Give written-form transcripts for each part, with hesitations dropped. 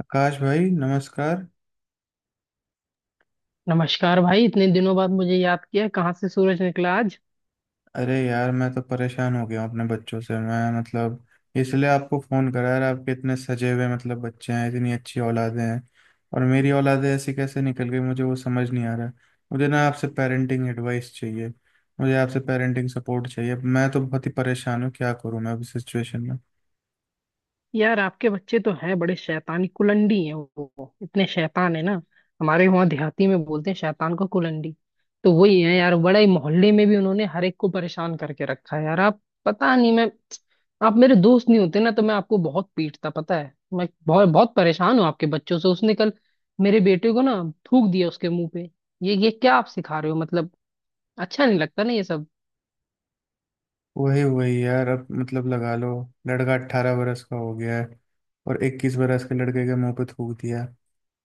आकाश भाई नमस्कार। नमस्कार भाई। इतने दिनों बाद मुझे याद किया, कहाँ से सूरज निकला आज? अरे यार, मैं तो परेशान हो गया हूँ अपने बच्चों से। मैं मतलब इसलिए आपको फ़ोन करा यार। आपके इतने सजे हुए मतलब बच्चे हैं, इतनी अच्छी औलादें हैं, और मेरी औलादें ऐसी कैसे निकल गई मुझे वो समझ नहीं आ रहा है। मुझे ना आपसे पेरेंटिंग एडवाइस चाहिए, मुझे आपसे पेरेंटिंग सपोर्ट चाहिए। मैं तो बहुत ही परेशान हूँ, क्या करूँ मैं अब इस सिचुएशन में। यार, आपके बच्चे तो हैं बड़े शैतानी कुलंडी, हैं वो इतने शैतान, है ना। हमारे वहाँ देहाती में बोलते हैं शैतान को कुलंडी। तो वही है यार, बड़ा ही मोहल्ले में भी उन्होंने हर एक को परेशान करके रखा है। यार आप पता नहीं, मैं, आप मेरे दोस्त नहीं होते ना तो मैं आपको बहुत पीटता। पता है, मैं बहुत बहुत परेशान हूँ आपके बच्चों से। उसने कल मेरे बेटे को ना थूक दिया उसके मुंह पे। ये क्या आप सिखा रहे हो मतलब? अच्छा नहीं लगता ना ये सब। वही वही यार, अब मतलब लगा लो, लड़का 18 बरस का हो गया है और 21 बरस के लड़के के मुंह पे थूक दिया।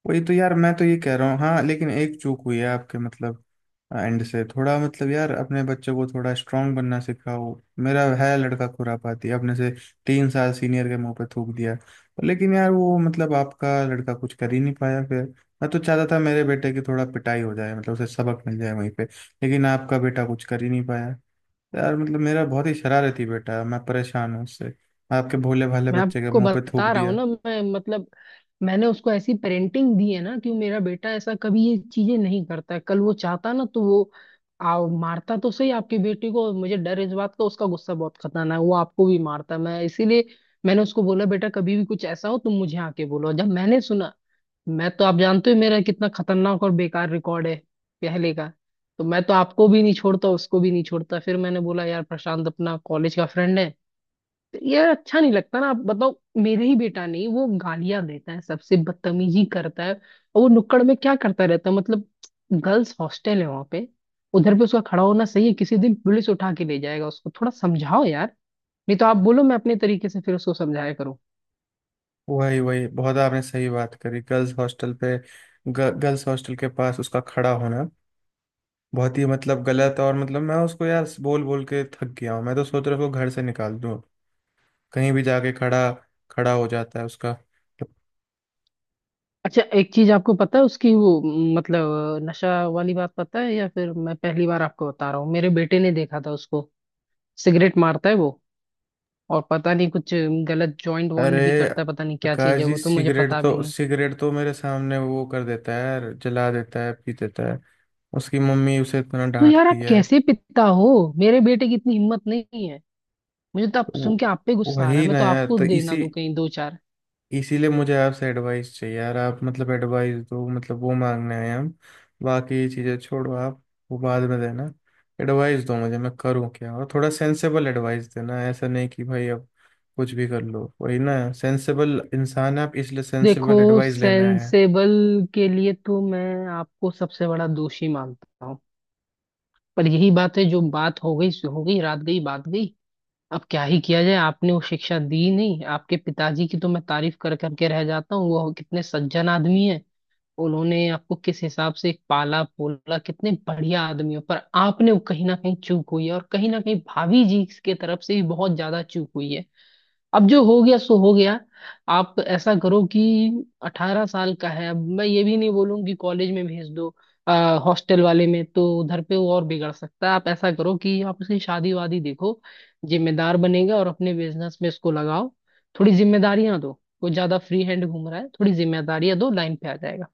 वही तो यार, मैं तो ये कह रहा हूँ, हाँ, लेकिन एक चूक हुई है आपके मतलब एंड से थोड़ा। मतलब यार, अपने बच्चों को थोड़ा स्ट्रांग बनना सिखाओ। मेरा है लड़का खुरापाती, अपने से 3 साल सीनियर के मुंह पे थूक दिया, लेकिन यार वो मतलब आपका लड़का कुछ कर ही नहीं पाया फिर। मैं तो चाहता था मेरे बेटे की थोड़ा पिटाई हो जाए, मतलब उसे सबक मिल जाए वहीं पे, लेकिन आपका बेटा कुछ कर ही नहीं पाया। यार मतलब मेरा बहुत ही शरारती बेटा है, मैं परेशान हूँ उससे। आपके भोले भाले मैं बच्चे के आपको मुंह पे थूक बता रहा हूँ दिया। ना, मैं मतलब, मैंने उसको ऐसी पेरेंटिंग दी है ना कि मेरा बेटा ऐसा कभी ये चीजें नहीं करता है। कल वो चाहता ना तो वो मारता तो सही आपके बेटे को। मुझे डर इस बात का, उसका गुस्सा बहुत खतरनाक है, वो आपको भी मारता है। मैं इसीलिए मैंने उसको बोला, बेटा कभी भी कुछ ऐसा हो तुम मुझे आके बोलो। जब मैंने सुना, मैं तो, आप जानते हो, मेरा कितना खतरनाक और बेकार रिकॉर्ड है पहले का। तो मैं तो आपको भी नहीं छोड़ता, उसको भी नहीं छोड़ता। फिर मैंने बोला, यार प्रशांत अपना कॉलेज का फ्रेंड है। ये अच्छा नहीं लगता ना, आप बताओ। मेरे ही बेटा नहीं, वो गालियां देता है, सबसे बदतमीजी करता है। और वो नुक्कड़ में क्या करता रहता है मतलब, गर्ल्स हॉस्टल है वहां पे। उधर पे उसका खड़ा होना सही है? किसी दिन पुलिस उठा के ले जाएगा। उसको थोड़ा समझाओ यार, नहीं तो आप बोलो मैं अपने तरीके से फिर उसको समझाया करूँ। वही वही, बहुत आपने सही बात करी गर्ल्स हॉस्टल पे। ग, गर्ल्स हॉस्टल के पास उसका खड़ा होना बहुत ही मतलब गलत, और मतलब मैं उसको यार बोल बोल के थक गया हूँ। मैं तो सोच रहा हूँ उसको घर से निकाल दूँ। कहीं भी जाके खड़ा खड़ा हो जाता है उसका। अच्छा, एक चीज आपको पता है उसकी, वो मतलब नशा वाली बात पता है, या फिर मैं पहली बार आपको बता रहा हूँ? मेरे बेटे ने देखा था उसको, सिगरेट मारता है वो। और पता नहीं कुछ गलत जॉइंट अरे वॉइंट भी करता है, पता नहीं क्या चीज प्रकाश है जी, वो, तो मुझे सिगरेट पता भी तो नहीं। सिगरेट तो मेरे सामने वो कर देता है, जला देता है, पी देता है। उसकी मम्मी उसे इतना तो यार डांटती आप है। कैसे पिता हो? मेरे बेटे की इतनी हिम्मत नहीं है। मुझे तो आप सुन वो के आप पे गुस्सा आ रहा वही है, मैं ना तो यार, आपको तो देना इसी दूं कहीं 2-4। इसीलिए मुझे आपसे एडवाइस चाहिए यार। आप मतलब एडवाइस दो, मतलब वो मांगने आए हम। बाकी चीज़ें छोड़ो आप, वो बाद में देना। एडवाइस दो मुझे, मैं करूँ क्या, और थोड़ा सेंसेबल एडवाइस देना। ऐसा नहीं कि भाई अब कुछ भी कर लो। वही ना, सेंसेबल इंसान है आप, इसलिए देखो, सेंसेबल एडवाइस लेने आए हैं। सेंसेबल के लिए तो मैं आपको सबसे बड़ा दोषी मानता हूँ। पर यही बात है, जो बात हो गई सो हो गई, रात गई बात गई। अब क्या ही किया जाए? आपने वो शिक्षा दी नहीं। आपके पिताजी की तो मैं तारीफ कर करके रह जाता हूँ, वो कितने सज्जन आदमी है। उन्होंने आपको किस हिसाब से पाला पोला, कितने बढ़िया आदमी हो। पर आपने वो, कहीं ना कहीं चूक हुई है, और कहीं ना कहीं भाभी जी के तरफ से भी बहुत ज्यादा चूक हुई है। अब जो हो गया सो हो गया। आप ऐसा करो कि, 18 साल का है, अब मैं ये भी नहीं बोलूंगी कॉलेज में भेज दो। हॉस्टल वाले में तो उधर पे वो और बिगड़ सकता है। आप ऐसा करो कि आप उसकी शादी वादी देखो, जिम्मेदार बनेगा। और अपने बिजनेस में इसको लगाओ, थोड़ी जिम्मेदारियां दो। वो ज्यादा फ्री हैंड घूम रहा है, थोड़ी जिम्मेदारियां दो, लाइन पे आ जाएगा।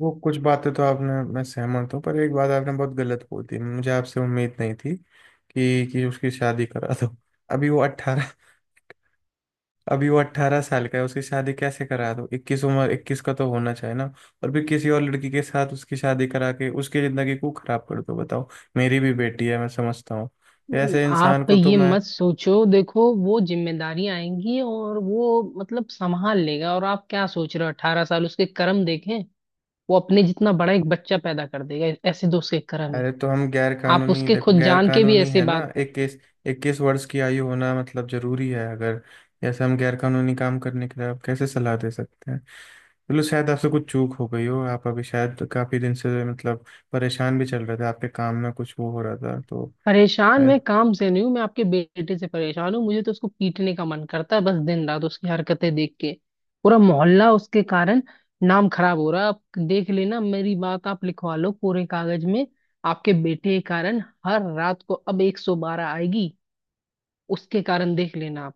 वो कुछ बातें तो आपने, मैं सहमत हूँ, पर एक बात आपने बहुत गलत बोल दी, मुझे आपसे उम्मीद नहीं थी कि उसकी शादी करा दो। अभी वो 18 अभी वो 18 साल का है, उसकी शादी कैसे करा दो। 21 का तो होना चाहिए ना। और फिर किसी और लड़की के साथ उसकी शादी करा के उसकी जिंदगी को खराब कर दो, बताओ। मेरी भी बेटी है, मैं समझता हूँ। ऐसे इंसान आप को तो ये मैं, मत सोचो, देखो, वो जिम्मेदारियां आएंगी और वो मतलब संभाल लेगा। और आप क्या सोच रहे हो? 18 साल, उसके कर्म देखें, वो अपने जितना बड़ा एक बच्चा पैदा कर देगा, ऐसे दोस्त के कर्म है। अरे तो हम गैर आप कानूनी, उसके देखो खुद गैर जान के भी कानूनी ऐसे है ना, बात। इक्कीस 21 वर्ष की आयु होना मतलब जरूरी है। अगर जैसे हम गैर कानूनी काम करने के लिए, आप कैसे सलाह दे सकते हैं। चलो, शायद आपसे कुछ चूक हो गई हो। आप अभी शायद काफी दिन से मतलब परेशान भी चल रहे थे, आपके काम में कुछ वो हो रहा था तो। परेशान मैं काम से नहीं हूँ, मैं आपके बेटे से परेशान हूँ। मुझे तो उसको पीटने का मन करता है, बस दिन रात उसकी हरकतें देख के पूरा मोहल्ला उसके कारण नाम खराब हो रहा है। आप देख लेना मेरी बात, आप लिखवा लो पूरे कागज में, आपके बेटे के कारण हर रात को अब 112 आएगी। उसके कारण देख लेना आप,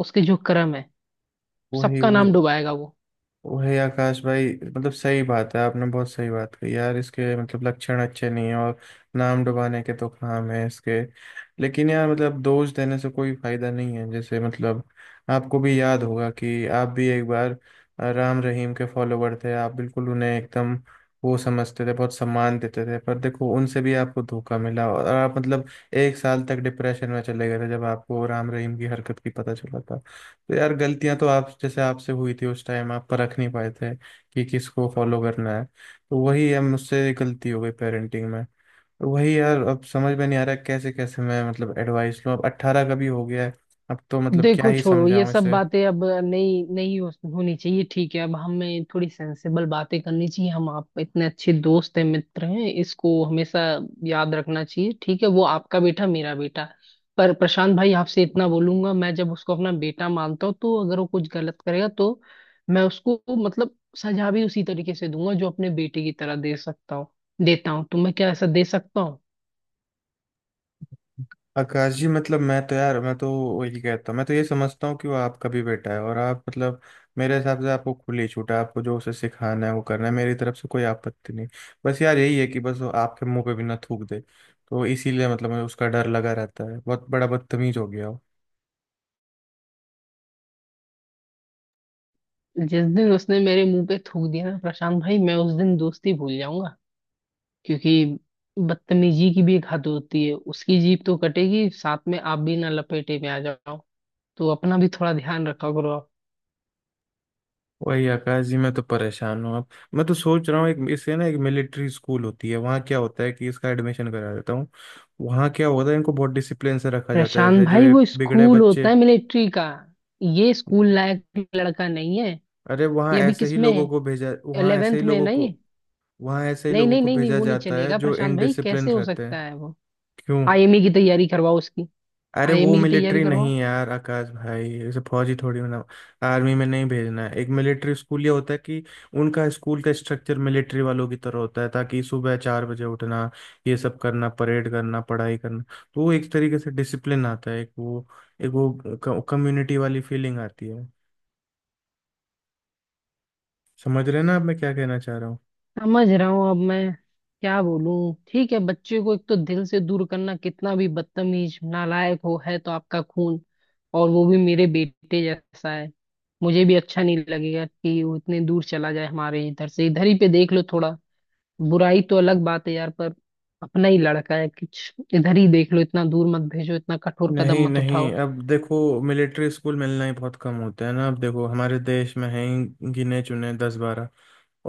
उसके जो कर्म है वही सबका वही नाम डुबाएगा वो। वही आकाश भाई, मतलब सही बात है, आपने बहुत सही बात कही यार, इसके मतलब लक्षण अच्छे नहीं है, और नाम डुबाने के तो काम है इसके। लेकिन यार मतलब दोष देने से कोई फायदा नहीं है। जैसे मतलब आपको भी याद होगा कि आप भी एक बार राम रहीम के फॉलोवर थे। आप बिल्कुल उन्हें एकदम वो समझते थे, बहुत सम्मान देते थे, पर देखो उनसे भी आपको धोखा मिला, और आप मतलब एक साल तक डिप्रेशन में चले गए थे जब आपको राम रहीम की हरकत की पता चला था। तो यार गलतियां तो आप जैसे आपसे हुई थी उस टाइम, आप परख नहीं पाए थे कि किसको फॉलो करना है, तो वही है, मुझसे गलती हो गई पेरेंटिंग में। तो वही यार, अब समझ में नहीं आ रहा है कैसे कैसे मैं मतलब एडवाइस लूँ। अब 18 का भी हो गया है, अब तो मतलब क्या देखो, ही छोड़ो ये समझाऊं सब इसे। बातें, अब नहीं नहीं हो, होनी चाहिए। ठीक है, अब हमें थोड़ी सेंसिबल बातें करनी चाहिए। हम आप इतने अच्छे दोस्त हैं, मित्र हैं, इसको हमेशा याद रखना चाहिए। ठीक है, वो आपका बेटा मेरा बेटा। पर प्रशांत भाई, आपसे इतना बोलूंगा, मैं जब उसको अपना बेटा मानता हूँ तो अगर वो कुछ गलत करेगा तो मैं उसको मतलब सजा भी उसी तरीके से दूंगा जो अपने बेटे की तरह दे सकता हूँ। देता हूँ, तो मैं क्या ऐसा दे सकता हूँ? आकाश जी मतलब मैं तो वही कहता हूँ, मैं तो ये समझता हूँ कि वो आपका भी बेटा है, और आप मतलब मेरे हिसाब से आपको खुली छूट है, आपको जो उसे सिखाना है वो करना है, मेरी तरफ से कोई आपत्ति नहीं। बस यार यही है कि बस वो आपके मुंह पे भी ना थूक दे, तो इसीलिए मतलब मुझे उसका डर लगा रहता है, बहुत बड़ा बदतमीज हो गया हो। जिस दिन उसने मेरे मुंह पे थूक दिया ना प्रशांत भाई, मैं उस दिन दोस्ती भूल जाऊंगा। क्योंकि बदतमीजी की भी एक हद होती है। उसकी जीभ तो कटेगी, साथ में आप भी ना लपेटे में आ जाओ। तो अपना भी थोड़ा ध्यान रखा करो आप। वही आकाश जी, मैं तो परेशान हूँ अब। मैं तो सोच रहा हूँ, एक इससे ना, एक मिलिट्री स्कूल होती है, वहाँ क्या होता है कि इसका एडमिशन करा देता हूँ। वहाँ क्या होता है, इनको बहुत डिसिप्लिन से रखा जाता है, प्रशांत जैसे जो भाई, ये वो बिगड़े स्कूल बच्चे, होता है मिलिट्री का, ये स्कूल लायक लड़का नहीं है। अरे वहाँ ये अभी ऐसे किस ही में लोगों है, को भेजा, वहाँ ऐसे ही 11th में है लोगों ना को, ये। वहाँ ऐसे ही नहीं, लोगों नहीं, को नहीं, नहीं, भेजा वो नहीं जाता है चलेगा जो प्रशांत भाई, इनडिसिप्लिन कैसे हो रहते सकता हैं। है वो? क्यों, आईएमई की तैयारी करवाओ उसकी। अरे वो आईएमई की तैयारी मिलिट्री करवाओ। नहीं यार आकाश भाई, ऐसे फौजी थोड़ी ना, आर्मी में नहीं भेजना है। एक मिलिट्री स्कूल ये होता है कि उनका स्कूल का स्ट्रक्चर मिलिट्री वालों की तरह होता है, ताकि सुबह 4 बजे उठना, ये सब करना, परेड करना, पढ़ाई करना, तो वो एक तरीके से डिसिप्लिन आता है, एक वो कम्युनिटी वाली फीलिंग आती है। समझ रहे हैं ना आप मैं क्या कहना चाह रहा हूँ। समझ रहा हूँ, अब मैं क्या बोलूं? ठीक है। बच्चे को एक तो दिल से दूर करना, कितना भी बदतमीज नालायक हो है तो आपका खून, और वो भी मेरे बेटे जैसा है। मुझे भी अच्छा नहीं लगेगा कि वो इतने दूर चला जाए। हमारे इधर से, इधर ही पे देख लो थोड़ा, बुराई तो अलग बात है यार, पर अपना ही लड़का है। कुछ इधर ही देख लो, इतना दूर मत भेजो, इतना कठोर कदम नहीं मत नहीं, उठाओ। अब देखो, मिलिट्री स्कूल मिलना ही बहुत कम होता है ना, अब देखो हमारे देश में है ही गिने चुने 10-12।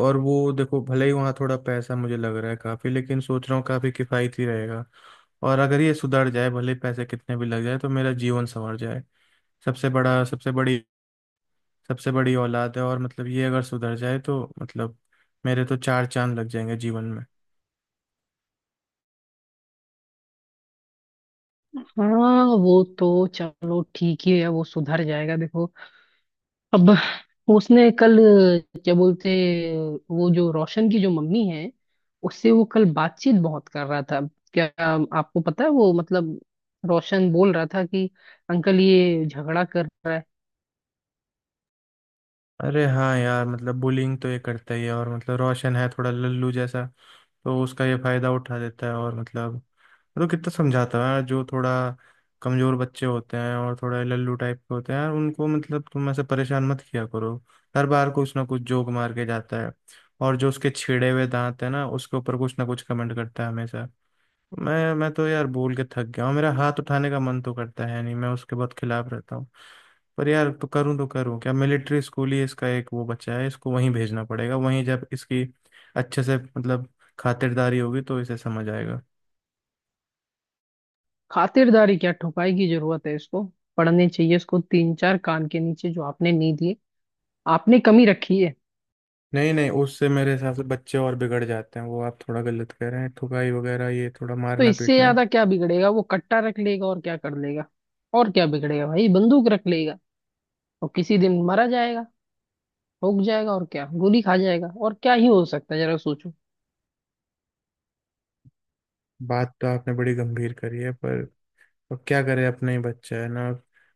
और वो देखो, भले ही वहाँ थोड़ा पैसा मुझे लग रहा है काफ़ी, लेकिन सोच रहा हूँ काफ़ी किफ़ायती रहेगा, और अगर ये सुधर जाए भले ही पैसे कितने भी लग जाए तो मेरा जीवन संवर जाए। सबसे बड़ा सबसे बड़ी सबसे बड़ी औलाद है, और मतलब ये अगर सुधर जाए तो मतलब मेरे तो चार चांद लग जाएंगे जीवन में। हाँ वो तो चलो ठीक ही है, वो सुधर जाएगा, देखो। अब उसने कल, क्या बोलते, वो जो रोशन की जो मम्मी है, उससे वो कल बातचीत बहुत कर रहा था। क्या, आपको पता है वो मतलब? रोशन बोल रहा था कि अंकल ये झगड़ा कर रहा है। अरे हाँ यार, मतलब बुलिंग तो ये करता ही है, और मतलब रोशन है थोड़ा लल्लू जैसा, तो उसका ये फायदा उठा देता है। और मतलब कितना समझाता है यार, जो थोड़ा कमजोर बच्चे होते हैं और थोड़ा लल्लू टाइप के होते हैं यार, उनको मतलब तुम ऐसे परेशान मत किया करो। हर बार कुछ ना कुछ जोक मार के जाता है, और जो उसके छिड़े हुए दांत है ना उसके ऊपर कुछ ना कुछ कमेंट करता है हमेशा। मैं तो यार बोल के थक गया हूँ, मेरा हाथ उठाने का मन तो करता है, नहीं मैं उसके बहुत खिलाफ रहता हूँ। पर यार तो करूँ, क्या, मिलिट्री स्कूल ही इसका, एक वो बच्चा है, इसको वहीं भेजना पड़ेगा, वहीं जब इसकी अच्छे से मतलब खातिरदारी होगी तो इसे समझ आएगा। खातिरदारी क्या, ठुकाई की जरूरत है इसको। पढ़ने चाहिए इसको 3-4 कान के नीचे जो आपने नहीं दिए, आपने कमी रखी है। नहीं नहीं, उससे मेरे हिसाब से बच्चे और बिगड़ जाते हैं, वो आप थोड़ा गलत कह रहे हैं, ठुकाई वगैरह ये थोड़ा तो मारना इससे पीटना है। ज्यादा क्या बिगड़ेगा, वो कट्टा रख लेगा? और क्या कर लेगा? और क्या बिगड़ेगा भाई, बंदूक रख लेगा, और किसी दिन मरा जाएगा, ठोक जाएगा। और क्या, गोली खा जाएगा, और क्या ही हो सकता है, जरा सोचो। बात तो आपने बड़ी गंभीर करी है, पर अब क्या करे, अपना ही बच्चा है ना।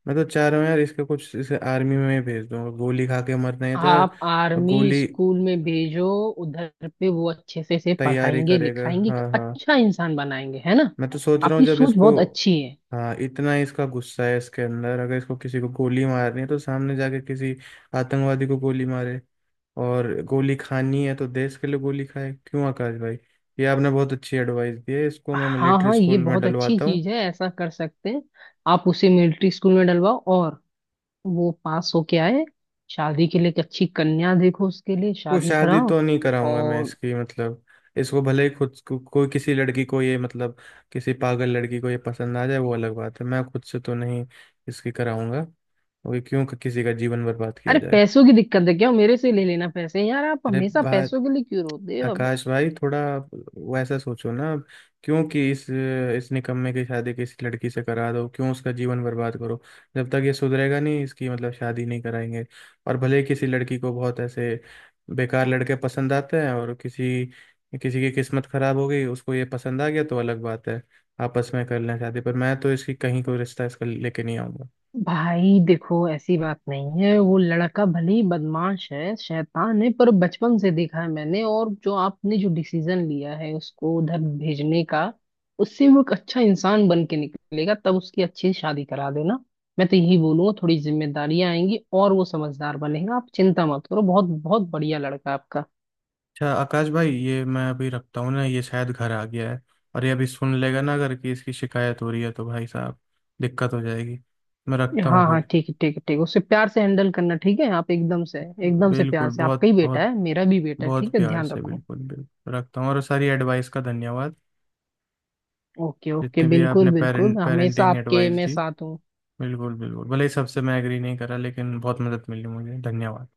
मैं तो चाह रहा हूँ यार इसका कुछ, इसे आर्मी में ही भेज दूंगा, गोली खा के मरना ही था। आप और आर्मी गोली स्कूल में भेजो, उधर पे वो अच्छे से तैयारी पढ़ाएंगे करेगा, लिखाएंगे, एक हाँ हाँ, अच्छा इंसान बनाएंगे, है ना। मैं तो सोच रहा हूँ आपकी जब सोच इसको, बहुत अच्छी है। हाँ इतना ही इसका गुस्सा है इसके अंदर, अगर इसको किसी को गोली मारनी है तो सामने जाके किसी आतंकवादी को गोली मारे, और गोली खानी है तो देश के लिए गोली खाए। क्यों आकाश भाई, ये आपने बहुत अच्छी एडवाइस दी है, इसको मैं हाँ मिलिट्री हाँ, ये स्कूल में बहुत अच्छी डलवाता हूँ। चीज है, ऐसा कर सकते हैं। आप उसे मिलिट्री स्कूल में डलवाओ, और वो पास होके आए, शादी के लिए एक अच्छी कन्या देखो उसके लिए, वो शादी शादी कराओ। तो नहीं कराऊंगा मैं और इसकी, मतलब इसको भले ही खुद को कोई, किसी लड़की को ये मतलब, किसी पागल लड़की को ये पसंद आ जाए वो अलग बात है, मैं खुद से तो नहीं इसकी कराऊंगा, क्योंकि क्यों किसी का जीवन बर्बाद किया अरे, जाए। पैसों की दिक्कत है क्या? मेरे से ले लेना पैसे यार, आप अरे हमेशा बात पैसों के लिए क्यों रोते हो? आकाश भाई थोड़ा वैसा सोचो ना आप, क्यों कि इस निकम्मे की शादी किसी लड़की से करा दो, क्यों उसका जीवन बर्बाद करो। जब तक ये सुधरेगा नहीं, इसकी मतलब शादी नहीं कराएंगे। और भले ही किसी लड़की को, बहुत ऐसे बेकार लड़के पसंद आते हैं, और किसी किसी की किस्मत खराब हो गई उसको ये पसंद आ गया तो अलग बात है, आपस में कर लें शादी, पर मैं तो इसकी कहीं कोई रिश्ता इसका लेके नहीं आऊंगा। भाई देखो ऐसी बात नहीं है, वो लड़का भले ही बदमाश है शैतान है, पर बचपन से देखा है मैंने। और जो आपने जो डिसीजन लिया है उसको उधर भेजने का, उससे वो एक अच्छा इंसान बन के निकलेगा, तब उसकी अच्छी शादी करा देना। मैं तो यही बोलूंगा, थोड़ी जिम्मेदारियां आएंगी और वो समझदार बनेगा। आप चिंता मत करो, बहुत बहुत बढ़िया लड़का है आपका। अच्छा आकाश भाई, ये मैं अभी रखता हूँ ना, ये शायद घर आ गया है, और ये अभी सुन लेगा ना अगर कि इसकी शिकायत हो रही है तो भाई साहब दिक्कत हो जाएगी। मैं रखता हाँ हूँ हाँ फिर। ठीक है, ठीक है, ठीक है। उसे प्यार से हैंडल करना, ठीक है? आप एकदम से, एकदम से प्यार बिल्कुल, से, आपका बहुत ही बेटा बहुत है मेरा भी बेटा है, ठीक बहुत है? प्यार ध्यान से, रखो। बिल्कुल बिल्कुल रखता हूँ, और सारी एडवाइस का धन्यवाद। ओके ओके, जितने भी बिल्कुल आपने बिल्कुल, हमेशा पेरेंटिंग आपके एडवाइस मैं दी, साथ हूँ। बिल्कुल बिल्कुल, भले ही सबसे मैं एग्री नहीं करा, लेकिन बहुत मदद मिली मुझे, धन्यवाद।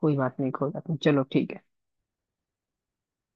कोई बात नहीं, कोई बात नहीं, चलो ठीक है।